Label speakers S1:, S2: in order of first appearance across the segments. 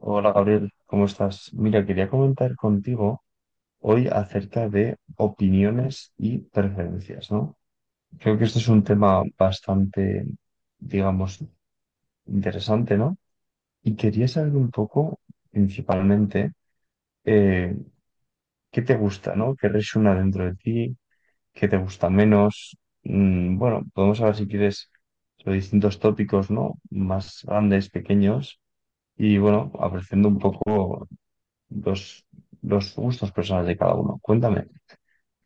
S1: Hola Gabriel, ¿cómo estás? Mira, quería comentar contigo hoy acerca de opiniones y preferencias, ¿no? Creo que esto es un tema bastante, digamos, interesante, ¿no? Y quería saber un poco, principalmente, eh, qué te gusta, ¿no? ¿Qué resuena dentro de ti? ¿Qué te gusta menos? Bueno, podemos hablar si quieres sobre distintos tópicos, ¿no? Más grandes, pequeños, y bueno, apreciando un poco. los, los gustos personales de cada uno. Cuéntame,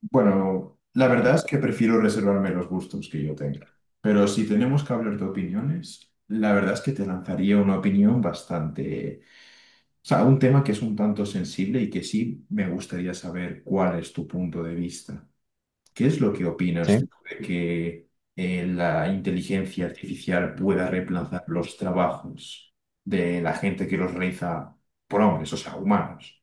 S2: Bueno, la verdad es que prefiero reservarme los gustos que yo tenga. Pero si tenemos que hablar de opiniones, la verdad es que te lanzaría una opinión bastante... O sea, un tema que es un tanto sensible y que sí me gustaría saber cuál es tu punto de vista. ¿Qué es lo que
S1: ¿sí?
S2: opinas tú de que la inteligencia artificial pueda reemplazar los trabajos de la gente que los realiza por hombres, o sea, humanos?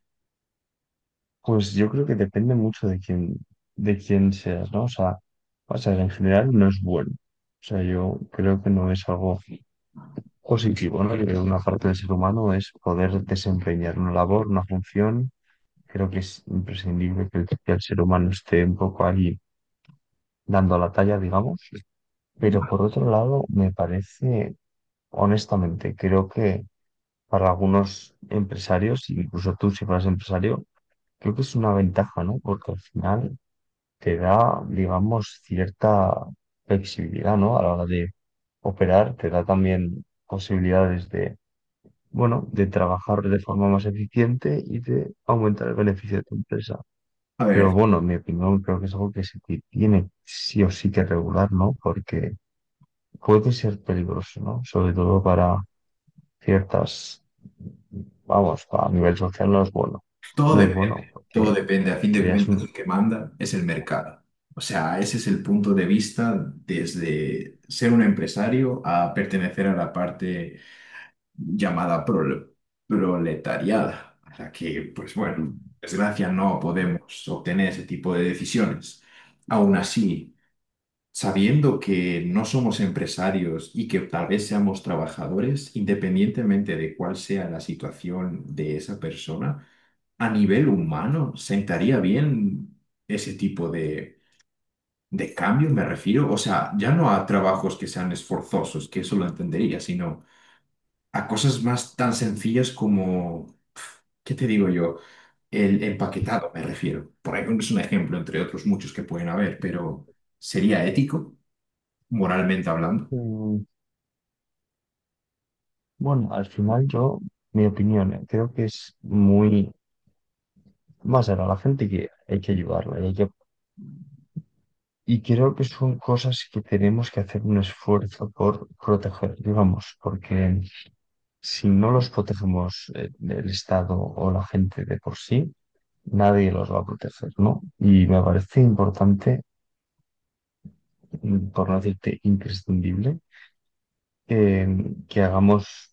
S1: Pues yo creo que depende mucho de quién seas, ¿no? O sea, en general no es bueno. O sea, yo creo que no es algo positivo, ¿no? Yo creo que una parte del ser humano es poder desempeñar una labor, una función. Creo que es imprescindible que el ser humano esté un poco ahí dando la talla, digamos. Pero por otro lado, me parece, honestamente, creo que para algunos empresarios, incluso tú si fueras empresario, creo que es una ventaja, ¿no? Porque al final te da, digamos, cierta flexibilidad, ¿no? A la hora de operar, te da también posibilidades de, bueno, de trabajar de forma más eficiente y de aumentar el beneficio de tu empresa.
S2: A
S1: Pero
S2: ver.
S1: bueno, en mi opinión, creo que es algo que se tiene sí o sí que regular, ¿no? Porque puede ser peligroso, ¿no? Sobre todo para ciertas, vamos, a nivel social no es bueno.
S2: Todo
S1: No es
S2: depende,
S1: bueno
S2: todo
S1: porque
S2: depende. A fin de
S1: creas
S2: cuentas,
S1: un...
S2: el que manda es el mercado. O sea, ese es el punto de vista desde ser un empresario a pertenecer a la parte llamada proletariada, a la que, pues bueno, desgracia no podemos obtener ese tipo de decisiones. Aún así, sabiendo que no somos empresarios y que tal vez seamos trabajadores, independientemente de cuál sea la situación de esa persona, a nivel humano, ¿sentaría bien ese tipo de cambios me refiero? O sea, ya no a trabajos que sean esforzosos, que eso lo entendería, sino a cosas más tan sencillas como, ¿qué te digo yo? El empaquetado, me refiero. Por ahí es un ejemplo, entre otros muchos que pueden haber, pero ¿sería ético? Moralmente hablando.
S1: Mm, Bueno, al final yo, mi opinión, creo que es muy... Más a la gente que hay que ayudarla y, y creo que son cosas que tenemos que hacer un esfuerzo por proteger, digamos, porque si no los protegemos el Estado o la gente de por sí, nadie los va a proteger, ¿no? Y me parece importante, por no decirte imprescindible, que, que hagamos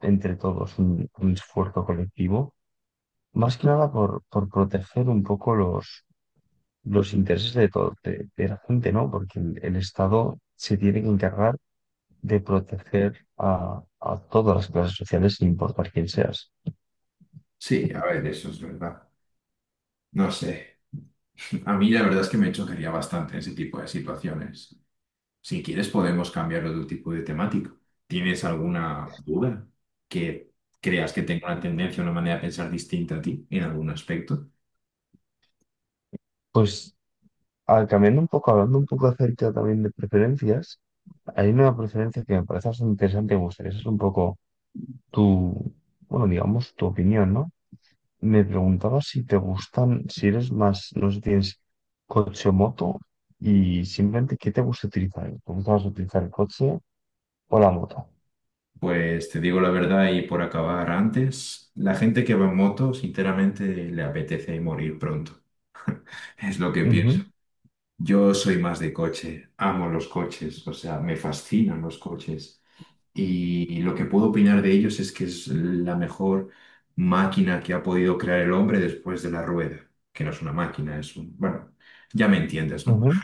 S1: entre todos un esfuerzo colectivo, más que nada por, por proteger un poco los intereses de, todo, de la gente, ¿no? Porque el Estado se tiene que encargar de proteger a todas las clases sociales, sin importar quién seas.
S2: Sí, a ver, eso es verdad. No sé. A mí la verdad es que me chocaría bastante ese tipo de situaciones. Si quieres, podemos cambiar de tipo de temática. ¿Tienes alguna duda que creas que tenga una tendencia, una manera de pensar distinta a ti en algún aspecto?
S1: Pues al cambiando un poco, hablando un poco acerca también de preferencias, hay una preferencia que me parece bastante interesante, y me gustaría saber un poco tu, bueno, digamos, tu opinión, ¿no? Me preguntaba si te gustan, si eres más, no sé si tienes coche o moto, y simplemente qué te gusta utilizar. ¿Te gusta más utilizar el coche o la moto?
S2: Pues te digo la verdad y por acabar antes, la gente que va en moto, sinceramente, le apetece morir pronto. Es lo que pienso.
S1: Ujú,
S2: Yo soy más de coche, amo los coches, o sea, me fascinan los coches. Y lo que puedo opinar de ellos es que es la mejor máquina que ha podido crear el hombre después de la rueda, que no es una máquina, es un... Bueno, ya me entiendes, ¿no?
S1: ujú,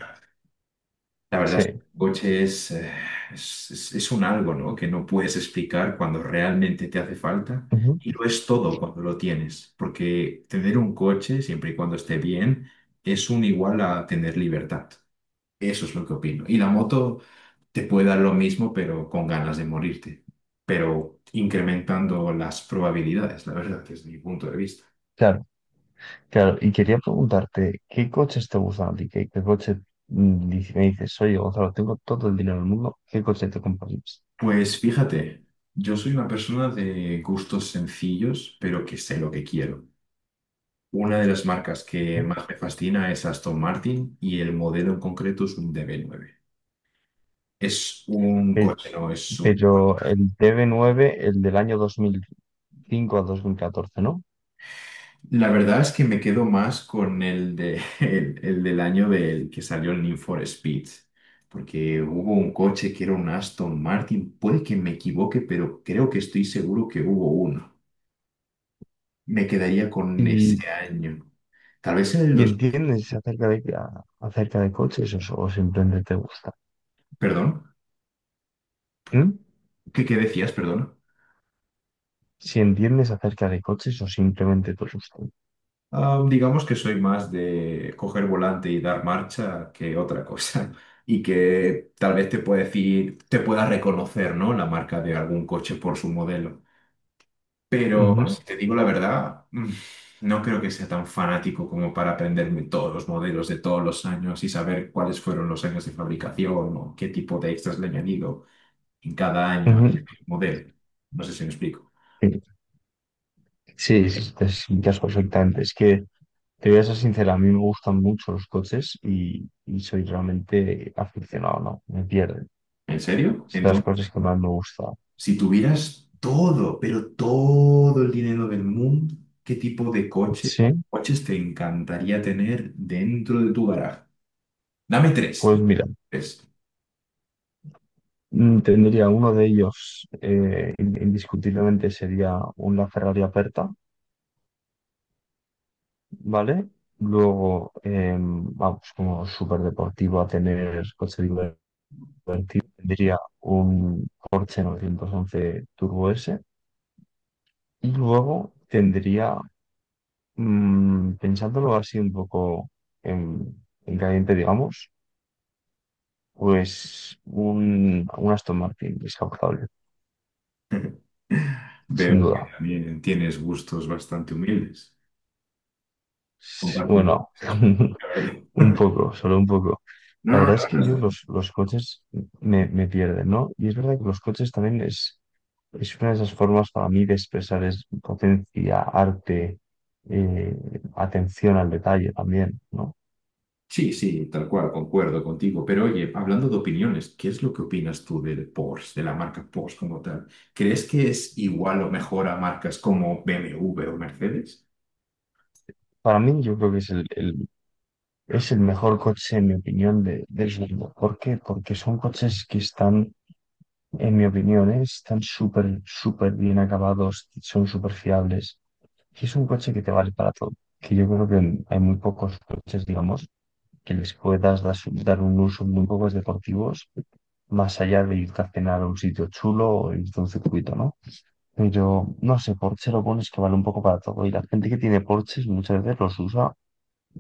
S2: La verdad es que
S1: sí,
S2: el coche es un algo, ¿no? Que no puedes explicar cuando realmente te hace falta
S1: ujú.
S2: y lo es todo cuando lo tienes, porque tener un coche, siempre y cuando esté bien, es un igual a tener libertad. Eso es lo que opino. Y la moto te puede dar lo mismo, pero con ganas de morirte, pero incrementando las probabilidades, la verdad, desde mi punto de vista.
S1: Claro, claro. Y quería preguntarte, ¿qué coches te gustan a ti? ¿Qué coche me dices, oye, Gonzalo, tengo todo el dinero del mundo, ¿qué coche te comprarías?
S2: Pues fíjate, yo soy una persona de gustos sencillos, pero que sé lo que quiero. Una de las marcas que
S1: Ujú.
S2: más me fascina es Aston Martin y el modelo en concreto es un DB9. Es un
S1: Pe-
S2: coche, no es un...
S1: Pero el DB9, el del año 2005 a 2014, ¿no?
S2: La verdad es que me quedo más con el del año del que salió el Need for Speed, porque hubo un coche que era un Aston Martin, puede que me equivoque, pero creo que estoy seguro que hubo uno. Me quedaría con
S1: y
S2: ese año. Tal vez en el
S1: ¿Y
S2: 2000,
S1: entiendes acerca de, acerca de coches o, o simplemente te gusta?
S2: perdón,
S1: ¿Mm?
S2: ¿qué decías, perdón?
S1: Si entiendes acerca de coches o simplemente te gusta.
S2: Ah, digamos que soy más de coger volante y dar marcha que otra cosa. Y que tal vez te puede decir, te pueda reconocer, ¿no? La marca de algún coche por su modelo. Pero
S1: Ujú,
S2: si te digo la verdad, no creo que sea tan fanático como para aprenderme todos los modelos de todos los años y saber cuáles fueron los años de fabricación o qué tipo de extras le han añadido en cada año a cada
S1: ujú.
S2: modelo. No sé si me explico.
S1: Sí, sí, te explicas perfectamente. Es que te voy a ser sincera, a mí me gustan mucho los coches y soy realmente aficionado, ¿no? Me pierden.
S2: ¿En serio?
S1: Es de las cosas
S2: Entonces,
S1: que más me gusta.
S2: si tuvieras todo, pero todo el dinero del mundo, ¿qué tipo de coche
S1: Sí,
S2: o coches te encantaría tener dentro de tu garaje? Dame tres.
S1: pues mira,
S2: Tres.
S1: tendría uno de ellos, indiscutiblemente sería una Ferrari Aperta, ¿vale? Luego, vamos, como súper deportivo a tener coche divertido, tendría un Porsche 911 Turbo S, y luego tendría, pensándolo así un poco en caliente, digamos, pues un Aston Martin descapotable, sin
S2: Veo que
S1: duda.
S2: también tienes gustos bastante humildes. Compartimos
S1: Bueno,
S2: ese aspecto, la verdad.
S1: un poco, solo un poco.
S2: No,
S1: La
S2: no,
S1: verdad es que
S2: no.
S1: yo los coches me, me pierden, ¿no? Y es verdad que los coches también es una de esas formas para mí de expresar es potencia, arte, eh, atención al detalle también, ¿no?
S2: Sí, sí, tal cual, concuerdo contigo. Pero oye, hablando de opiniones, ¿qué es lo que opinas tú del Porsche, de la marca Porsche como tal? ¿Crees que es igual o mejor a marcas como BMW o Mercedes?
S1: Para mí yo creo que es el, es el mejor coche, en mi opinión, de, del mundo. ¿Por qué? Porque son coches que están, en mi opinión, ¿eh? Están súper, súper bien acabados, son súper fiables. Y es un coche que te vale para todo. Que yo creo que hay muy pocos coches, digamos, que les puedas dar un uso, muy pocos deportivos, más allá de irte a cenar a un sitio chulo o irte a un circuito, ¿no? Pero no sé, Porsche lo bueno es que vale un poco para todo, y la gente que tiene Porsches muchas veces los usa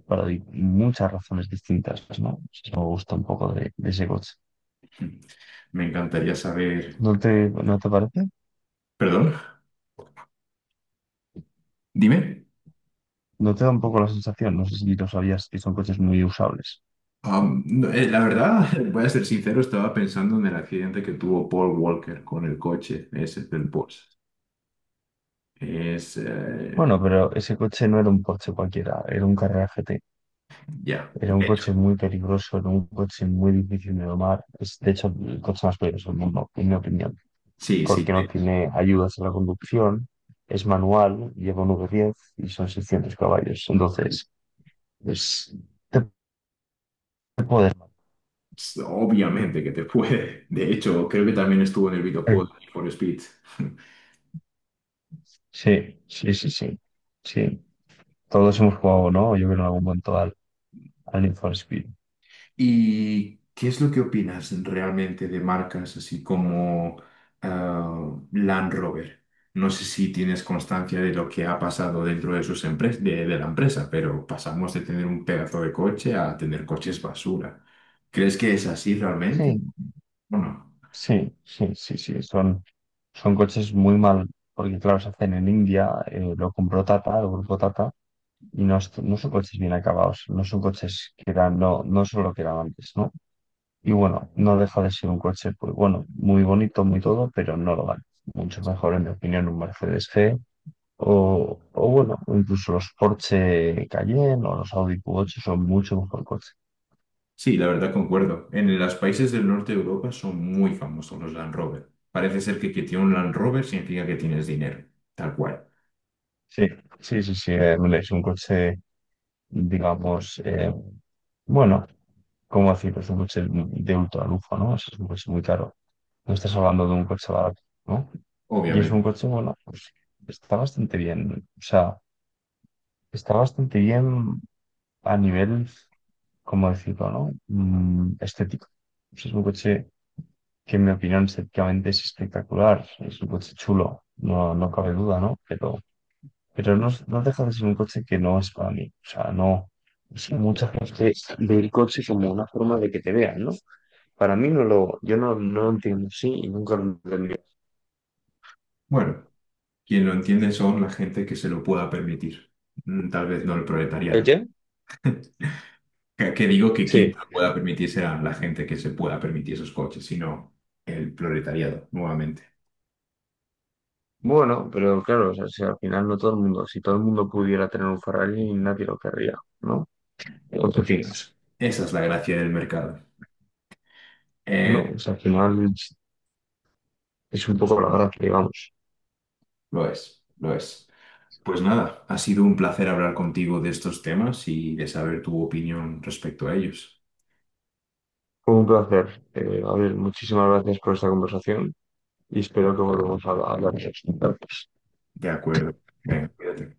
S1: para muchas razones distintas, ¿no? Eso me gusta un poco de ese coche.
S2: Me encantaría saber.
S1: ¿No te parece?
S2: Perdón, dime.
S1: ¿No te da un poco la sensación? No sé si lo sabías, que son coches muy usables.
S2: No, la verdad, voy a ser sincero, estaba pensando en el accidente que tuvo Paul Walker con el coche ese del Porsche. Es, eh,
S1: Bueno, pero ese coche no era un Porsche cualquiera, era un Carrera GT.
S2: ya,
S1: Era un
S2: de hecho.
S1: coche muy peligroso, era un coche muy difícil de domar. Es, de hecho, el coche más peligroso del mundo, en mi opinión,
S2: Sí, sí,
S1: porque no tiene ayudas a la conducción, es manual, lleva un V10 y son 600 caballos. Entonces, es te te puede
S2: obviamente que te puede. De hecho, creo que también estuvo en el
S1: dar.
S2: videojuego de Need for Speed.
S1: Sí, sí, sí, sí. Sí, todos hemos jugado, ¿no? Yo creo, en algún momento, al Need for Speed.
S2: ¿Y qué es lo que opinas realmente de marcas así como Land Rover? No sé si tienes constancia de lo que ha pasado dentro de sus de la empresa, pero pasamos de tener un pedazo de coche a tener coches basura. ¿Crees que es así realmente?
S1: Sí,
S2: Bueno.
S1: sí, sí, sí, sí. Son coches muy mal, porque claro, se hacen en India, lo compró Tata. Y no, no son coches bien acabados, no son coches que eran, no, no son lo que eran antes, ¿no? Y bueno, no deja de ser un coche, pues bueno, muy bonito, muy todo, pero no lo vale. Mucho mejor, en mi opinión, un Mercedes G o bueno, incluso los Porsche Cayenne o los Audi Q8 son mucho mejor coche.
S2: Sí, la verdad concuerdo. En los países del norte de Europa son muy famosos los Land Rover. Parece ser que quien tiene un Land Rover significa que tienes dinero, tal cual,
S1: Sí, sí, sí, sí, es un coche, digamos, bueno, ¿cómo decirlo? Es un coche de ultra lujo, ¿no? O sea, es un coche muy caro. No estás hablando de un coche barato, ¿no? Y es
S2: obviamente.
S1: un coche, bueno, pues está bastante bien. O sea, está bastante bien a nivel, ¿cómo decirlo, no? Estético. Pues es un coche que, en mi opinión, estéticamente es espectacular. Es un coche chulo, no, no cabe duda, ¿no? Pero no, no deja de ser un coche que no es para mí. O sea, no. Es que mucha gente ve el coche como una forma de que te vean, ¿no? Para mí no lo, yo no, no lo entiendo así y nunca lo entendí.
S2: Bueno, quien lo entiende son la gente que se lo pueda permitir. Tal vez no el
S1: ¿El
S2: proletariado.
S1: qué?
S2: Que digo que quien se
S1: Sí.
S2: lo pueda permitir será la gente que se pueda permitir esos coches, sino el proletariado, nuevamente.
S1: Bueno, pero claro, o sea, si al final no todo el mundo, si todo el mundo pudiera tener un Ferrari, nadie lo querría, ¿no? ¿O qué opinas?
S2: Esa es la gracia del mercado.
S1: No,
S2: Eh,
S1: o sea, al final es un poco la gracia, digamos.
S2: lo es, lo es. Pues nada, ha sido un placer hablar contigo de estos temas y de saber tu opinión respecto a ellos.
S1: Fue un placer. Gabriel, muchísimas gracias por esta conversación y espero que volvamos a hablar de esto.
S2: De acuerdo. Venga, cuídate.